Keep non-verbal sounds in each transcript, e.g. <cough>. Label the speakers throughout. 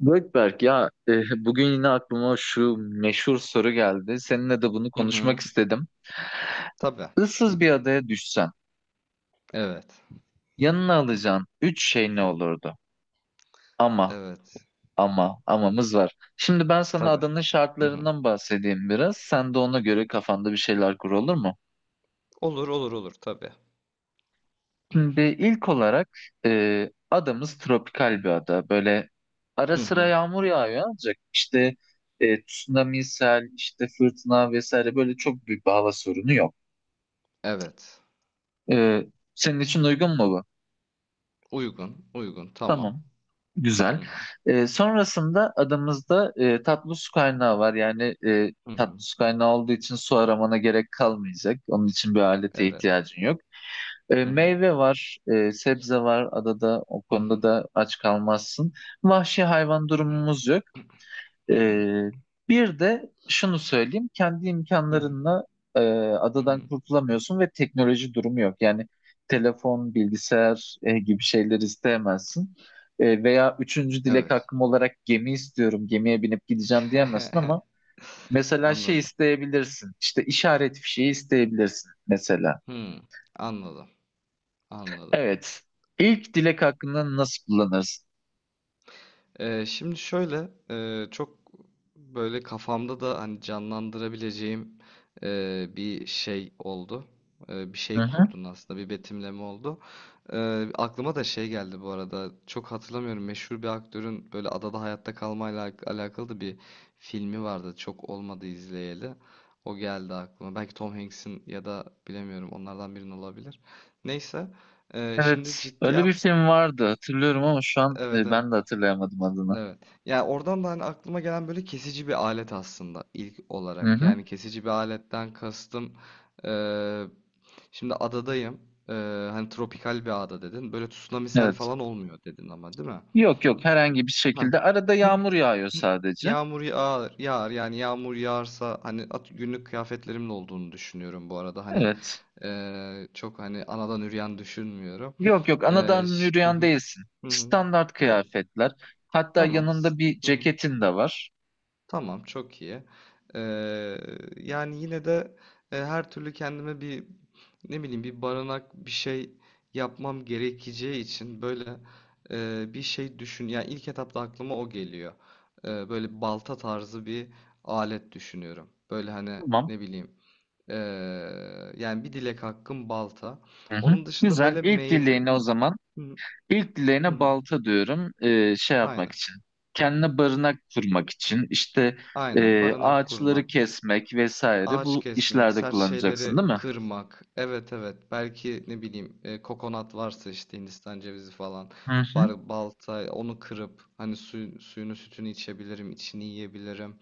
Speaker 1: Gökberk ya bugün yine aklıma şu meşhur soru geldi. Seninle de bunu
Speaker 2: Hı hı.
Speaker 1: konuşmak istedim.
Speaker 2: Tabii.
Speaker 1: Issız bir adaya düşsen
Speaker 2: Evet.
Speaker 1: yanına alacağın üç şey ne olurdu? Ama
Speaker 2: Evet.
Speaker 1: ama amamız var. Şimdi ben sana
Speaker 2: Tabii.
Speaker 1: adanın
Speaker 2: Hı hı.
Speaker 1: şartlarından bahsedeyim biraz. Sen de ona göre kafanda bir şeyler kur, olur mu?
Speaker 2: Olur olur olur tabii.
Speaker 1: Şimdi ilk olarak adamız tropikal bir ada. Böyle ara
Speaker 2: Hı
Speaker 1: sıra
Speaker 2: hı.
Speaker 1: yağmur yağıyor ancak işte tsunami, sel, işte fırtına vesaire böyle çok büyük bir hava sorunu yok.
Speaker 2: Evet.
Speaker 1: Ee, senin için uygun mu bu?
Speaker 2: Uygun. Uygun. Tamam.
Speaker 1: Tamam.
Speaker 2: Hı
Speaker 1: Güzel.
Speaker 2: hı.
Speaker 1: Sonrasında adamızda tatlı su kaynağı var. Yani
Speaker 2: Hı
Speaker 1: tatlı
Speaker 2: hı.
Speaker 1: su kaynağı olduğu için su aramana gerek kalmayacak. Onun için bir alete
Speaker 2: Evet.
Speaker 1: ihtiyacın yok.
Speaker 2: Hı hı.
Speaker 1: Meyve var, sebze var adada. O
Speaker 2: Hı hı.
Speaker 1: konuda da aç kalmazsın. Vahşi hayvan durumumuz yok.
Speaker 2: Hı hı.
Speaker 1: Ee, bir de şunu söyleyeyim, kendi
Speaker 2: Hı hı.
Speaker 1: imkanlarınla e,
Speaker 2: Hı
Speaker 1: adadan
Speaker 2: hı.
Speaker 1: kurtulamıyorsun ve teknoloji durumu yok. Yani telefon, bilgisayar gibi şeyler isteyemezsin. Veya üçüncü dilek
Speaker 2: Evet.
Speaker 1: hakkım olarak gemi istiyorum, gemiye binip gideceğim diyemezsin
Speaker 2: <laughs>
Speaker 1: ama mesela şey
Speaker 2: Anladım.
Speaker 1: isteyebilirsin, işte işaret fişeği isteyebilirsin mesela.
Speaker 2: Hı. Anladım. Anladım.
Speaker 1: Evet, ilk dilek hakkını nasıl kullanırsın?
Speaker 2: Şimdi şöyle çok böyle kafamda da hani canlandırabileceğim bir şey oldu. Bir
Speaker 1: Hı
Speaker 2: şey
Speaker 1: hı.
Speaker 2: kurdun aslında, bir betimleme oldu. E, aklıma da şey geldi bu arada, çok hatırlamıyorum, meşhur bir aktörün böyle adada hayatta kalmayla alakalı da bir filmi vardı. Çok olmadı izleyeli. O geldi aklıma. Belki Tom Hanks'in ya da bilemiyorum, onlardan birinin olabilir. Neyse, şimdi
Speaker 1: Evet,
Speaker 2: ciddi.
Speaker 1: öyle bir film vardı, hatırlıyorum ama şu an
Speaker 2: Evet, evet.
Speaker 1: ben de hatırlayamadım adını.
Speaker 2: Evet. Yani oradan da hani aklıma gelen böyle kesici bir alet aslında ilk
Speaker 1: Hı
Speaker 2: olarak.
Speaker 1: hı.
Speaker 2: Yani kesici bir aletten kastım, eee, şimdi adadayım. Eee, hani tropikal bir ada dedin. Böyle tsunami, sel
Speaker 1: Evet.
Speaker 2: falan olmuyor dedin ama, değil mi?
Speaker 1: Yok yok, herhangi bir
Speaker 2: Ha,
Speaker 1: şekilde. Arada yağmur yağıyor sadece.
Speaker 2: yağmur yağar, yağar. Yani yağmur yağarsa hani günlük kıyafetlerimin olduğunu düşünüyorum bu arada. Hani
Speaker 1: Evet.
Speaker 2: çok hani anadan üreyen düşünmüyorum.
Speaker 1: Yok yok,
Speaker 2: Eee,
Speaker 1: anadan
Speaker 2: ş- hı
Speaker 1: yürüyen
Speaker 2: hı.
Speaker 1: değilsin.
Speaker 2: Hı hı.
Speaker 1: Standart
Speaker 2: Ve-
Speaker 1: kıyafetler. Hatta
Speaker 2: Tamam. s-
Speaker 1: yanında bir
Speaker 2: hı hı.
Speaker 1: ceketin de var.
Speaker 2: Tamam, çok iyi. Eee, yani yine de, her türlü kendime bir, ne bileyim, bir barınak bir şey yapmam gerekeceği için böyle, bir şey düşün. Yani ilk etapta aklıma o geliyor. Böyle balta tarzı bir alet düşünüyorum. Böyle hani,
Speaker 1: Tamam.
Speaker 2: ne bileyim, eee, yani bir dilek hakkım balta.
Speaker 1: Hı hı.
Speaker 2: Onun dışında
Speaker 1: Güzel.
Speaker 2: böyle
Speaker 1: İlk
Speaker 2: meyve.
Speaker 1: dileğine o zaman.
Speaker 2: Hı,
Speaker 1: İlk
Speaker 2: hı,
Speaker 1: dileğine
Speaker 2: hı.
Speaker 1: balta diyorum. Şey yapmak
Speaker 2: Aynen
Speaker 1: için. Kendine barınak kurmak için. İşte
Speaker 2: aynen, barınak
Speaker 1: ağaçları
Speaker 2: kurmak.
Speaker 1: kesmek vesaire.
Speaker 2: Ağaç
Speaker 1: Bu
Speaker 2: kesmek,
Speaker 1: işlerde
Speaker 2: sert
Speaker 1: kullanacaksın
Speaker 2: şeyleri
Speaker 1: değil mi?
Speaker 2: kırmak. Evet, evet. Belki, ne bileyim, kokonat varsa, işte Hindistan cevizi falan.
Speaker 1: Hı hı.
Speaker 2: Balta onu kırıp hani suyunu, sütünü içebilirim, içini yiyebilirim.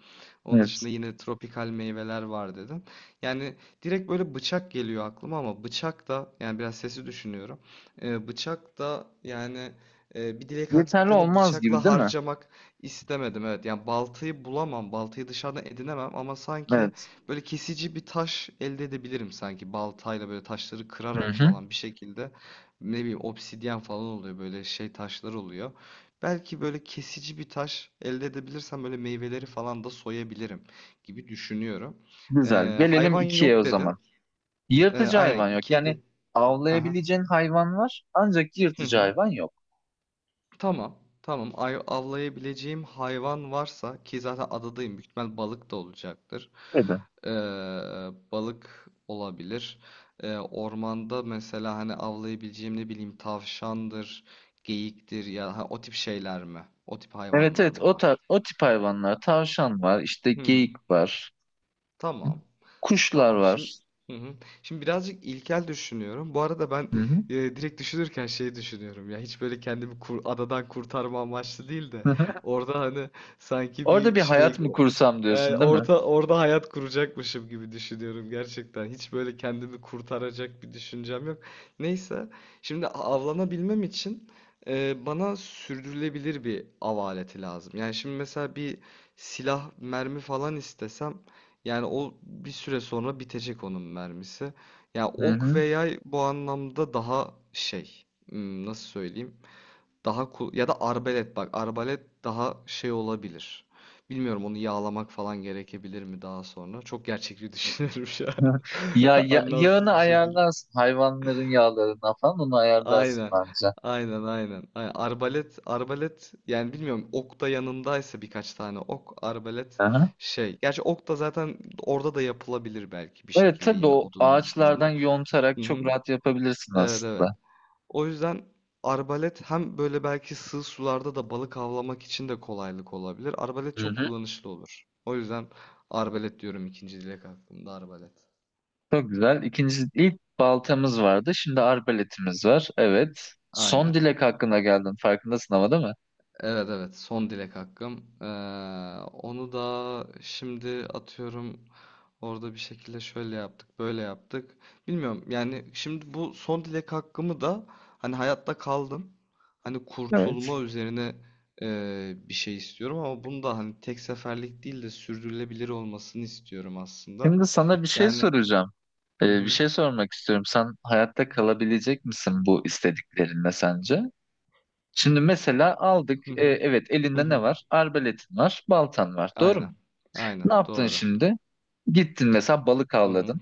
Speaker 2: Onun
Speaker 1: Evet.
Speaker 2: dışında yine tropikal meyveler var dedin. Yani direkt böyle bıçak geliyor aklıma ama bıçak da, yani biraz sesi düşünüyorum. Bıçak da yani, bir dilek
Speaker 1: Yeterli
Speaker 2: hakkını
Speaker 1: olmaz gibi
Speaker 2: bıçakla
Speaker 1: değil mi?
Speaker 2: harcamak istemedim. Evet, yani baltayı bulamam, baltayı dışarıdan edinemem ama sanki
Speaker 1: Evet.
Speaker 2: böyle kesici bir taş elde edebilirim sanki. Baltayla böyle taşları
Speaker 1: Hı
Speaker 2: kırarak
Speaker 1: hı.
Speaker 2: falan, bir şekilde, ne bileyim, obsidyen falan oluyor, böyle şey taşlar oluyor. Belki böyle kesici bir taş elde edebilirsem böyle meyveleri falan da soyabilirim gibi düşünüyorum.
Speaker 1: Güzel.
Speaker 2: Ee,
Speaker 1: Gelelim
Speaker 2: hayvan
Speaker 1: ikiye
Speaker 2: yok
Speaker 1: o zaman.
Speaker 2: dedin. Ee,
Speaker 1: Yırtıcı
Speaker 2: aynen
Speaker 1: hayvan yok.
Speaker 2: ikiye gel.
Speaker 1: Yani
Speaker 2: Hı hı.
Speaker 1: avlayabileceğin hayvan var ancak
Speaker 2: Hı
Speaker 1: yırtıcı
Speaker 2: hı.
Speaker 1: hayvan yok.
Speaker 2: Tamam. Tamam. Avlayabileceğim hayvan varsa, ki zaten adadayım, büyük ihtimal balık da olacaktır.
Speaker 1: Evet.
Speaker 2: Ee, balık olabilir. Ormanda mesela hani avlayabileceğim, ne bileyim, tavşandır, geyiktir ya ha, o tip şeyler mi? O tip
Speaker 1: Evet
Speaker 2: hayvanlar
Speaker 1: evet,
Speaker 2: mı var?
Speaker 1: o tip hayvanlar. Tavşan var, işte
Speaker 2: Hı hı.
Speaker 1: geyik var,
Speaker 2: Tamam.
Speaker 1: kuşlar
Speaker 2: Tamam. Şimdi.
Speaker 1: var.
Speaker 2: Hı hı. Şimdi birazcık ilkel düşünüyorum. Bu arada ben,
Speaker 1: Hı
Speaker 2: direkt düşünürken şey düşünüyorum ya, hiç böyle kendimi adadan kurtarma amaçlı değil de
Speaker 1: hı. <laughs>
Speaker 2: orada hani sanki
Speaker 1: Orada
Speaker 2: bir
Speaker 1: bir
Speaker 2: şey.
Speaker 1: hayat mı kursam
Speaker 2: Yani
Speaker 1: diyorsun değil mi?
Speaker 2: orada hayat kuracakmışım gibi düşünüyorum gerçekten. Hiç böyle kendimi kurtaracak bir düşüncem yok. Neyse, şimdi avlanabilmem için, bana sürdürülebilir bir av aleti lazım. Yani şimdi mesela bir silah, mermi falan istesem, yani o bir süre sonra bitecek onun mermisi. Yani
Speaker 1: Hı
Speaker 2: ok ve
Speaker 1: hı.
Speaker 2: yay bu anlamda daha şey, nasıl söyleyeyim? Daha ya da arbalet, bak arbalet daha şey olabilir. Bilmiyorum, onu yağlamak falan gerekebilir mi daha sonra. Çok gerçekçi <laughs> düşünüyorum şu an.
Speaker 1: <laughs> Ya,
Speaker 2: <laughs>
Speaker 1: ya yağını
Speaker 2: Anlamsız bir şekilde.
Speaker 1: ayarlarsın. Hayvanların yağlarına falan onu ayarlarsın
Speaker 2: Aynen.
Speaker 1: bence.
Speaker 2: Aynen aynen. Aynen. Arbalet arbalet, yani bilmiyorum, ok da yanındaysa birkaç tane ok, arbalet
Speaker 1: Aha.
Speaker 2: şey. Gerçi ok da zaten orada da yapılabilir belki, bir
Speaker 1: Evet
Speaker 2: şekilde
Speaker 1: tabii,
Speaker 2: yine,
Speaker 1: o
Speaker 2: odundan şundan
Speaker 1: ağaçlardan
Speaker 2: bundan.
Speaker 1: yontarak
Speaker 2: Hı
Speaker 1: çok
Speaker 2: hı.
Speaker 1: rahat yapabilirsin
Speaker 2: Evet evet.
Speaker 1: aslında.
Speaker 2: O yüzden arbalet, hem böyle belki sığ sularda da balık avlamak için de kolaylık olabilir. Arbalet
Speaker 1: Hı
Speaker 2: çok
Speaker 1: hı.
Speaker 2: kullanışlı olur. O yüzden arbalet diyorum, ikinci dilek aklımda arbalet.
Speaker 1: Çok güzel. İkinci, ilk baltamız vardı. Şimdi arbaletimiz var. Evet. Son
Speaker 2: Aynen.
Speaker 1: dilek hakkında geldin. Farkındasın ama değil mi?
Speaker 2: Evet, evet, son dilek hakkım. Onu da şimdi atıyorum, orada bir şekilde şöyle yaptık böyle yaptık. Bilmiyorum, yani şimdi bu son dilek hakkımı da hani hayatta kaldım. Hani
Speaker 1: Evet.
Speaker 2: kurtulma üzerine, bir şey istiyorum ama bunu da hani tek seferlik değil de sürdürülebilir olmasını istiyorum aslında.
Speaker 1: Şimdi sana bir şey
Speaker 2: Yani.
Speaker 1: soracağım.
Speaker 2: Hı
Speaker 1: Bir
Speaker 2: hı.
Speaker 1: şey sormak istiyorum. Sen hayatta kalabilecek misin bu istediklerinle sence? Şimdi mesela aldık.
Speaker 2: Hı hı.
Speaker 1: Evet,
Speaker 2: Hı
Speaker 1: elinde ne
Speaker 2: hı.
Speaker 1: var? Arbaletin var, baltan var. Doğru
Speaker 2: Aynen,
Speaker 1: mu?
Speaker 2: aynen
Speaker 1: Ne yaptın
Speaker 2: doğru.
Speaker 1: şimdi? Gittin mesela balık
Speaker 2: Hı hı.
Speaker 1: avladın.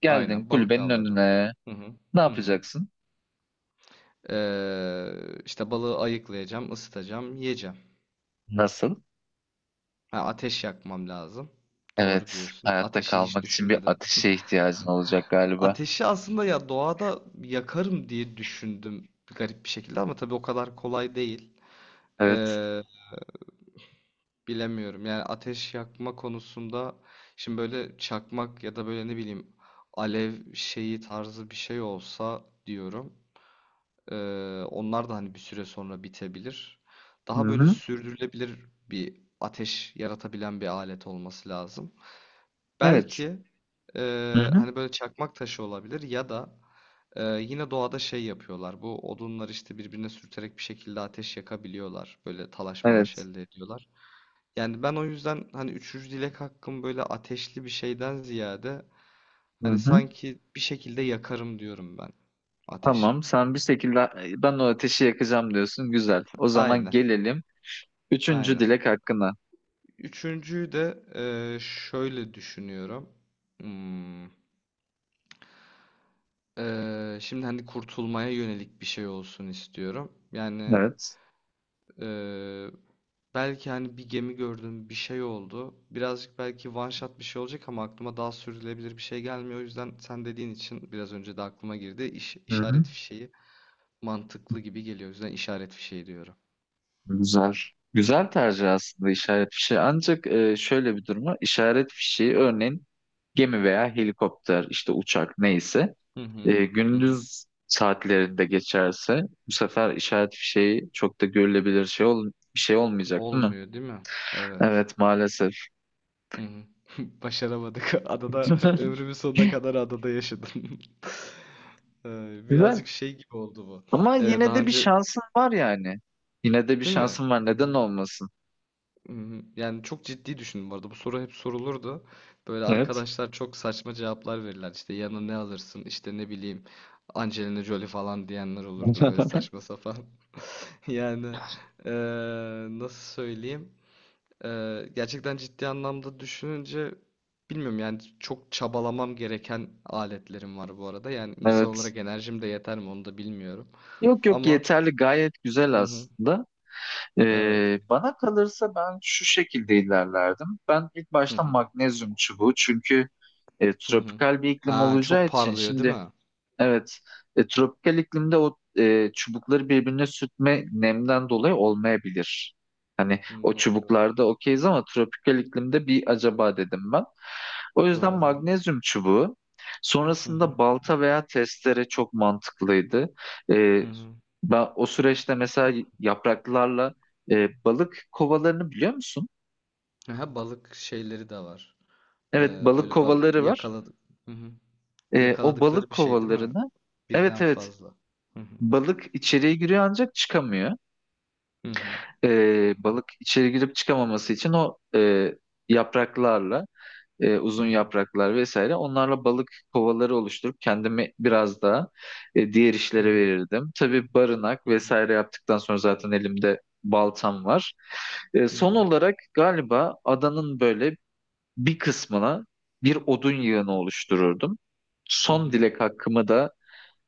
Speaker 1: Geldin
Speaker 2: Aynen, balık
Speaker 1: kulübenin
Speaker 2: avladım.
Speaker 1: önüne.
Speaker 2: Hı hı.
Speaker 1: Ne
Speaker 2: Hı hı.
Speaker 1: yapacaksın?
Speaker 2: Ee, işte balığı ayıklayacağım, ısıtacağım, yiyeceğim.
Speaker 1: Nasıl?
Speaker 2: Ha, ateş yakmam lazım. Doğru
Speaker 1: Evet,
Speaker 2: diyorsun.
Speaker 1: hayatta
Speaker 2: Ateşi hiç
Speaker 1: kalmak için bir
Speaker 2: düşünmedim.
Speaker 1: ateşe ihtiyacın olacak galiba.
Speaker 2: Ateşi aslında ya doğada yakarım diye düşündüm, garip bir şekilde, ama tabii o kadar kolay değil.
Speaker 1: Evet.
Speaker 2: Ee, bilemiyorum. Yani ateş yakma konusunda şimdi böyle çakmak ya da böyle, ne bileyim, alev şeyi tarzı bir şey olsa diyorum. Ee, onlar da hani bir süre sonra bitebilir. Daha böyle
Speaker 1: Hı-hı.
Speaker 2: sürdürülebilir bir ateş yaratabilen bir alet olması lazım.
Speaker 1: Evet.
Speaker 2: Belki, e,
Speaker 1: Hı-hı.
Speaker 2: hani böyle çakmak taşı olabilir ya da, yine doğada şey yapıyorlar. Bu odunlar işte birbirine sürterek bir şekilde ateş yakabiliyorlar. Böyle talaş malaş
Speaker 1: Evet.
Speaker 2: elde ediyorlar. Yani ben o yüzden hani üçüncü dilek hakkım böyle ateşli bir şeyden ziyade hani
Speaker 1: Hı-hı.
Speaker 2: sanki bir şekilde yakarım diyorum ben ateşi.
Speaker 1: Tamam, sen bir şekilde ben o ateşi yakacağım diyorsun. Güzel. O zaman
Speaker 2: Aynen,
Speaker 1: gelelim üçüncü
Speaker 2: aynen.
Speaker 1: dilek hakkına.
Speaker 2: Üçüncüyü de şöyle düşünüyorum. Hmm, şimdi hani kurtulmaya yönelik bir şey olsun istiyorum. Yani
Speaker 1: Evet.
Speaker 2: eee, belki hani bir gemi gördüm, bir şey oldu. Birazcık belki one shot bir şey olacak ama aklıma daha sürdürülebilir bir şey gelmiyor. O yüzden sen dediğin için biraz önce de aklıma girdi.
Speaker 1: Hı-hı.
Speaker 2: İşaret fişeği mantıklı gibi geliyor. O yüzden işaret fişeği diyorum.
Speaker 1: Güzel. Güzel tercih aslında işaret fişeği. Ancak şöyle bir durum var. İşaret fişeği örneğin gemi veya helikopter, işte uçak neyse.
Speaker 2: Hı hı. Hı hı.
Speaker 1: Gündüz saatlerinde geçerse bu sefer işaret fişeği çok da görülebilir şey ol bir şey olmayacak değil mi?
Speaker 2: Olmuyor değil mi? Evet.
Speaker 1: Evet maalesef.
Speaker 2: Hı hı. <laughs> Başaramadık. Adada <laughs>
Speaker 1: <laughs>
Speaker 2: ömrümün sonuna kadar adada yaşadım. <laughs>
Speaker 1: Güzel.
Speaker 2: Birazcık şey gibi oldu bu.
Speaker 1: Ama yine
Speaker 2: Daha
Speaker 1: de bir
Speaker 2: önce,
Speaker 1: şansın var yani. Yine de bir
Speaker 2: değil mi?
Speaker 1: şansın var.
Speaker 2: Hı
Speaker 1: Neden
Speaker 2: hı.
Speaker 1: olmasın?
Speaker 2: Hı hı. Yani çok ciddi düşündüm bu arada. Bu soru hep sorulurdu. Böyle
Speaker 1: Evet.
Speaker 2: arkadaşlar çok saçma cevaplar verirler. İşte yanına ne alırsın? İşte, ne bileyim, Angelina Jolie falan diyenler olurdu. Böyle
Speaker 1: <laughs>
Speaker 2: saçma sapan. <laughs> Yani, ee, nasıl söyleyeyim? Gerçekten ciddi anlamda düşününce, bilmiyorum yani, çok çabalamam gereken aletlerim var bu arada. Yani insan
Speaker 1: Evet.
Speaker 2: olarak enerjim de yeter mi, onu da bilmiyorum.
Speaker 1: Yok yok,
Speaker 2: Ama
Speaker 1: yeterli, gayet güzel
Speaker 2: hı hı,
Speaker 1: aslında.
Speaker 2: evet.
Speaker 1: Bana kalırsa ben şu şekilde ilerlerdim. Ben ilk
Speaker 2: Hı
Speaker 1: başta
Speaker 2: hı,
Speaker 1: magnezyum çubuğu, çünkü
Speaker 2: hı hı.
Speaker 1: tropikal bir iklim
Speaker 2: Ha çok
Speaker 1: olacağı için
Speaker 2: parlıyor değil
Speaker 1: şimdi
Speaker 2: mi?
Speaker 1: evet. Tropikal iklimde o çubukları birbirine sürtme nemden dolayı olmayabilir. Hani o
Speaker 2: Hı, doğru.
Speaker 1: çubuklarda okeyiz ama tropikal iklimde bir acaba dedim ben. O yüzden
Speaker 2: Doğru.
Speaker 1: magnezyum çubuğu.
Speaker 2: Hı
Speaker 1: Sonrasında
Speaker 2: hı,
Speaker 1: balta veya testere çok mantıklıydı.
Speaker 2: hı
Speaker 1: E,
Speaker 2: hı.
Speaker 1: ben o süreçte mesela yapraklarla balık kovalarını biliyor musun?
Speaker 2: Aha, balık şeyleri de var. Ee,
Speaker 1: Evet, balık
Speaker 2: böyle bal
Speaker 1: kovaları var.
Speaker 2: yakaladık, hı hı.
Speaker 1: O
Speaker 2: Yakaladıkları
Speaker 1: balık
Speaker 2: bir şey, değil mi?
Speaker 1: kovalarını, evet
Speaker 2: Birden
Speaker 1: evet,
Speaker 2: fazla. Hı hı,
Speaker 1: balık içeriye giriyor ancak çıkamıyor.
Speaker 2: hı hı,
Speaker 1: Balık içeri girip çıkamaması için o yapraklarla
Speaker 2: hı
Speaker 1: uzun
Speaker 2: hı,
Speaker 1: yapraklar vesaire, onlarla balık kovaları oluşturup kendimi biraz daha diğer
Speaker 2: hı
Speaker 1: işlere
Speaker 2: hı,
Speaker 1: verirdim. Tabii barınak
Speaker 2: hı hı,
Speaker 1: vesaire yaptıktan sonra zaten elimde baltam var.
Speaker 2: hı
Speaker 1: Son
Speaker 2: hı,
Speaker 1: olarak galiba adanın böyle bir kısmına bir odun yığını oluştururdum.
Speaker 2: hı
Speaker 1: Son
Speaker 2: hı,
Speaker 1: dilek hakkımı da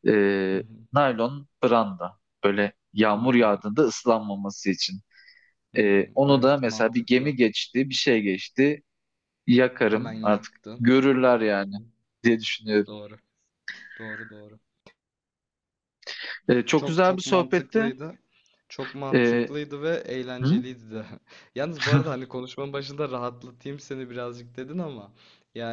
Speaker 1: e,
Speaker 2: hı hı.
Speaker 1: naylon branda, böyle yağmur
Speaker 2: Hmm,
Speaker 1: yağdığında ıslanmaması için.
Speaker 2: hmm.
Speaker 1: Onu da
Speaker 2: Evet,
Speaker 1: mesela bir gemi
Speaker 2: mantıklı.
Speaker 1: geçti, bir şey geçti,
Speaker 2: Hemen
Speaker 1: yakarım artık,
Speaker 2: yaktın.
Speaker 1: görürler
Speaker 2: Hı
Speaker 1: yani
Speaker 2: hı.
Speaker 1: diye düşünüyorum.
Speaker 2: Doğru. Doğru doğru.
Speaker 1: Çok
Speaker 2: Çok
Speaker 1: güzel bir
Speaker 2: çok
Speaker 1: sohbetti.
Speaker 2: mantıklıydı. Çok
Speaker 1: Ee,
Speaker 2: mantıklıydı ve
Speaker 1: hı?
Speaker 2: eğlenceliydi de. <laughs> Yalnız bu arada hani konuşmanın başında rahatlatayım seni birazcık dedin ama yani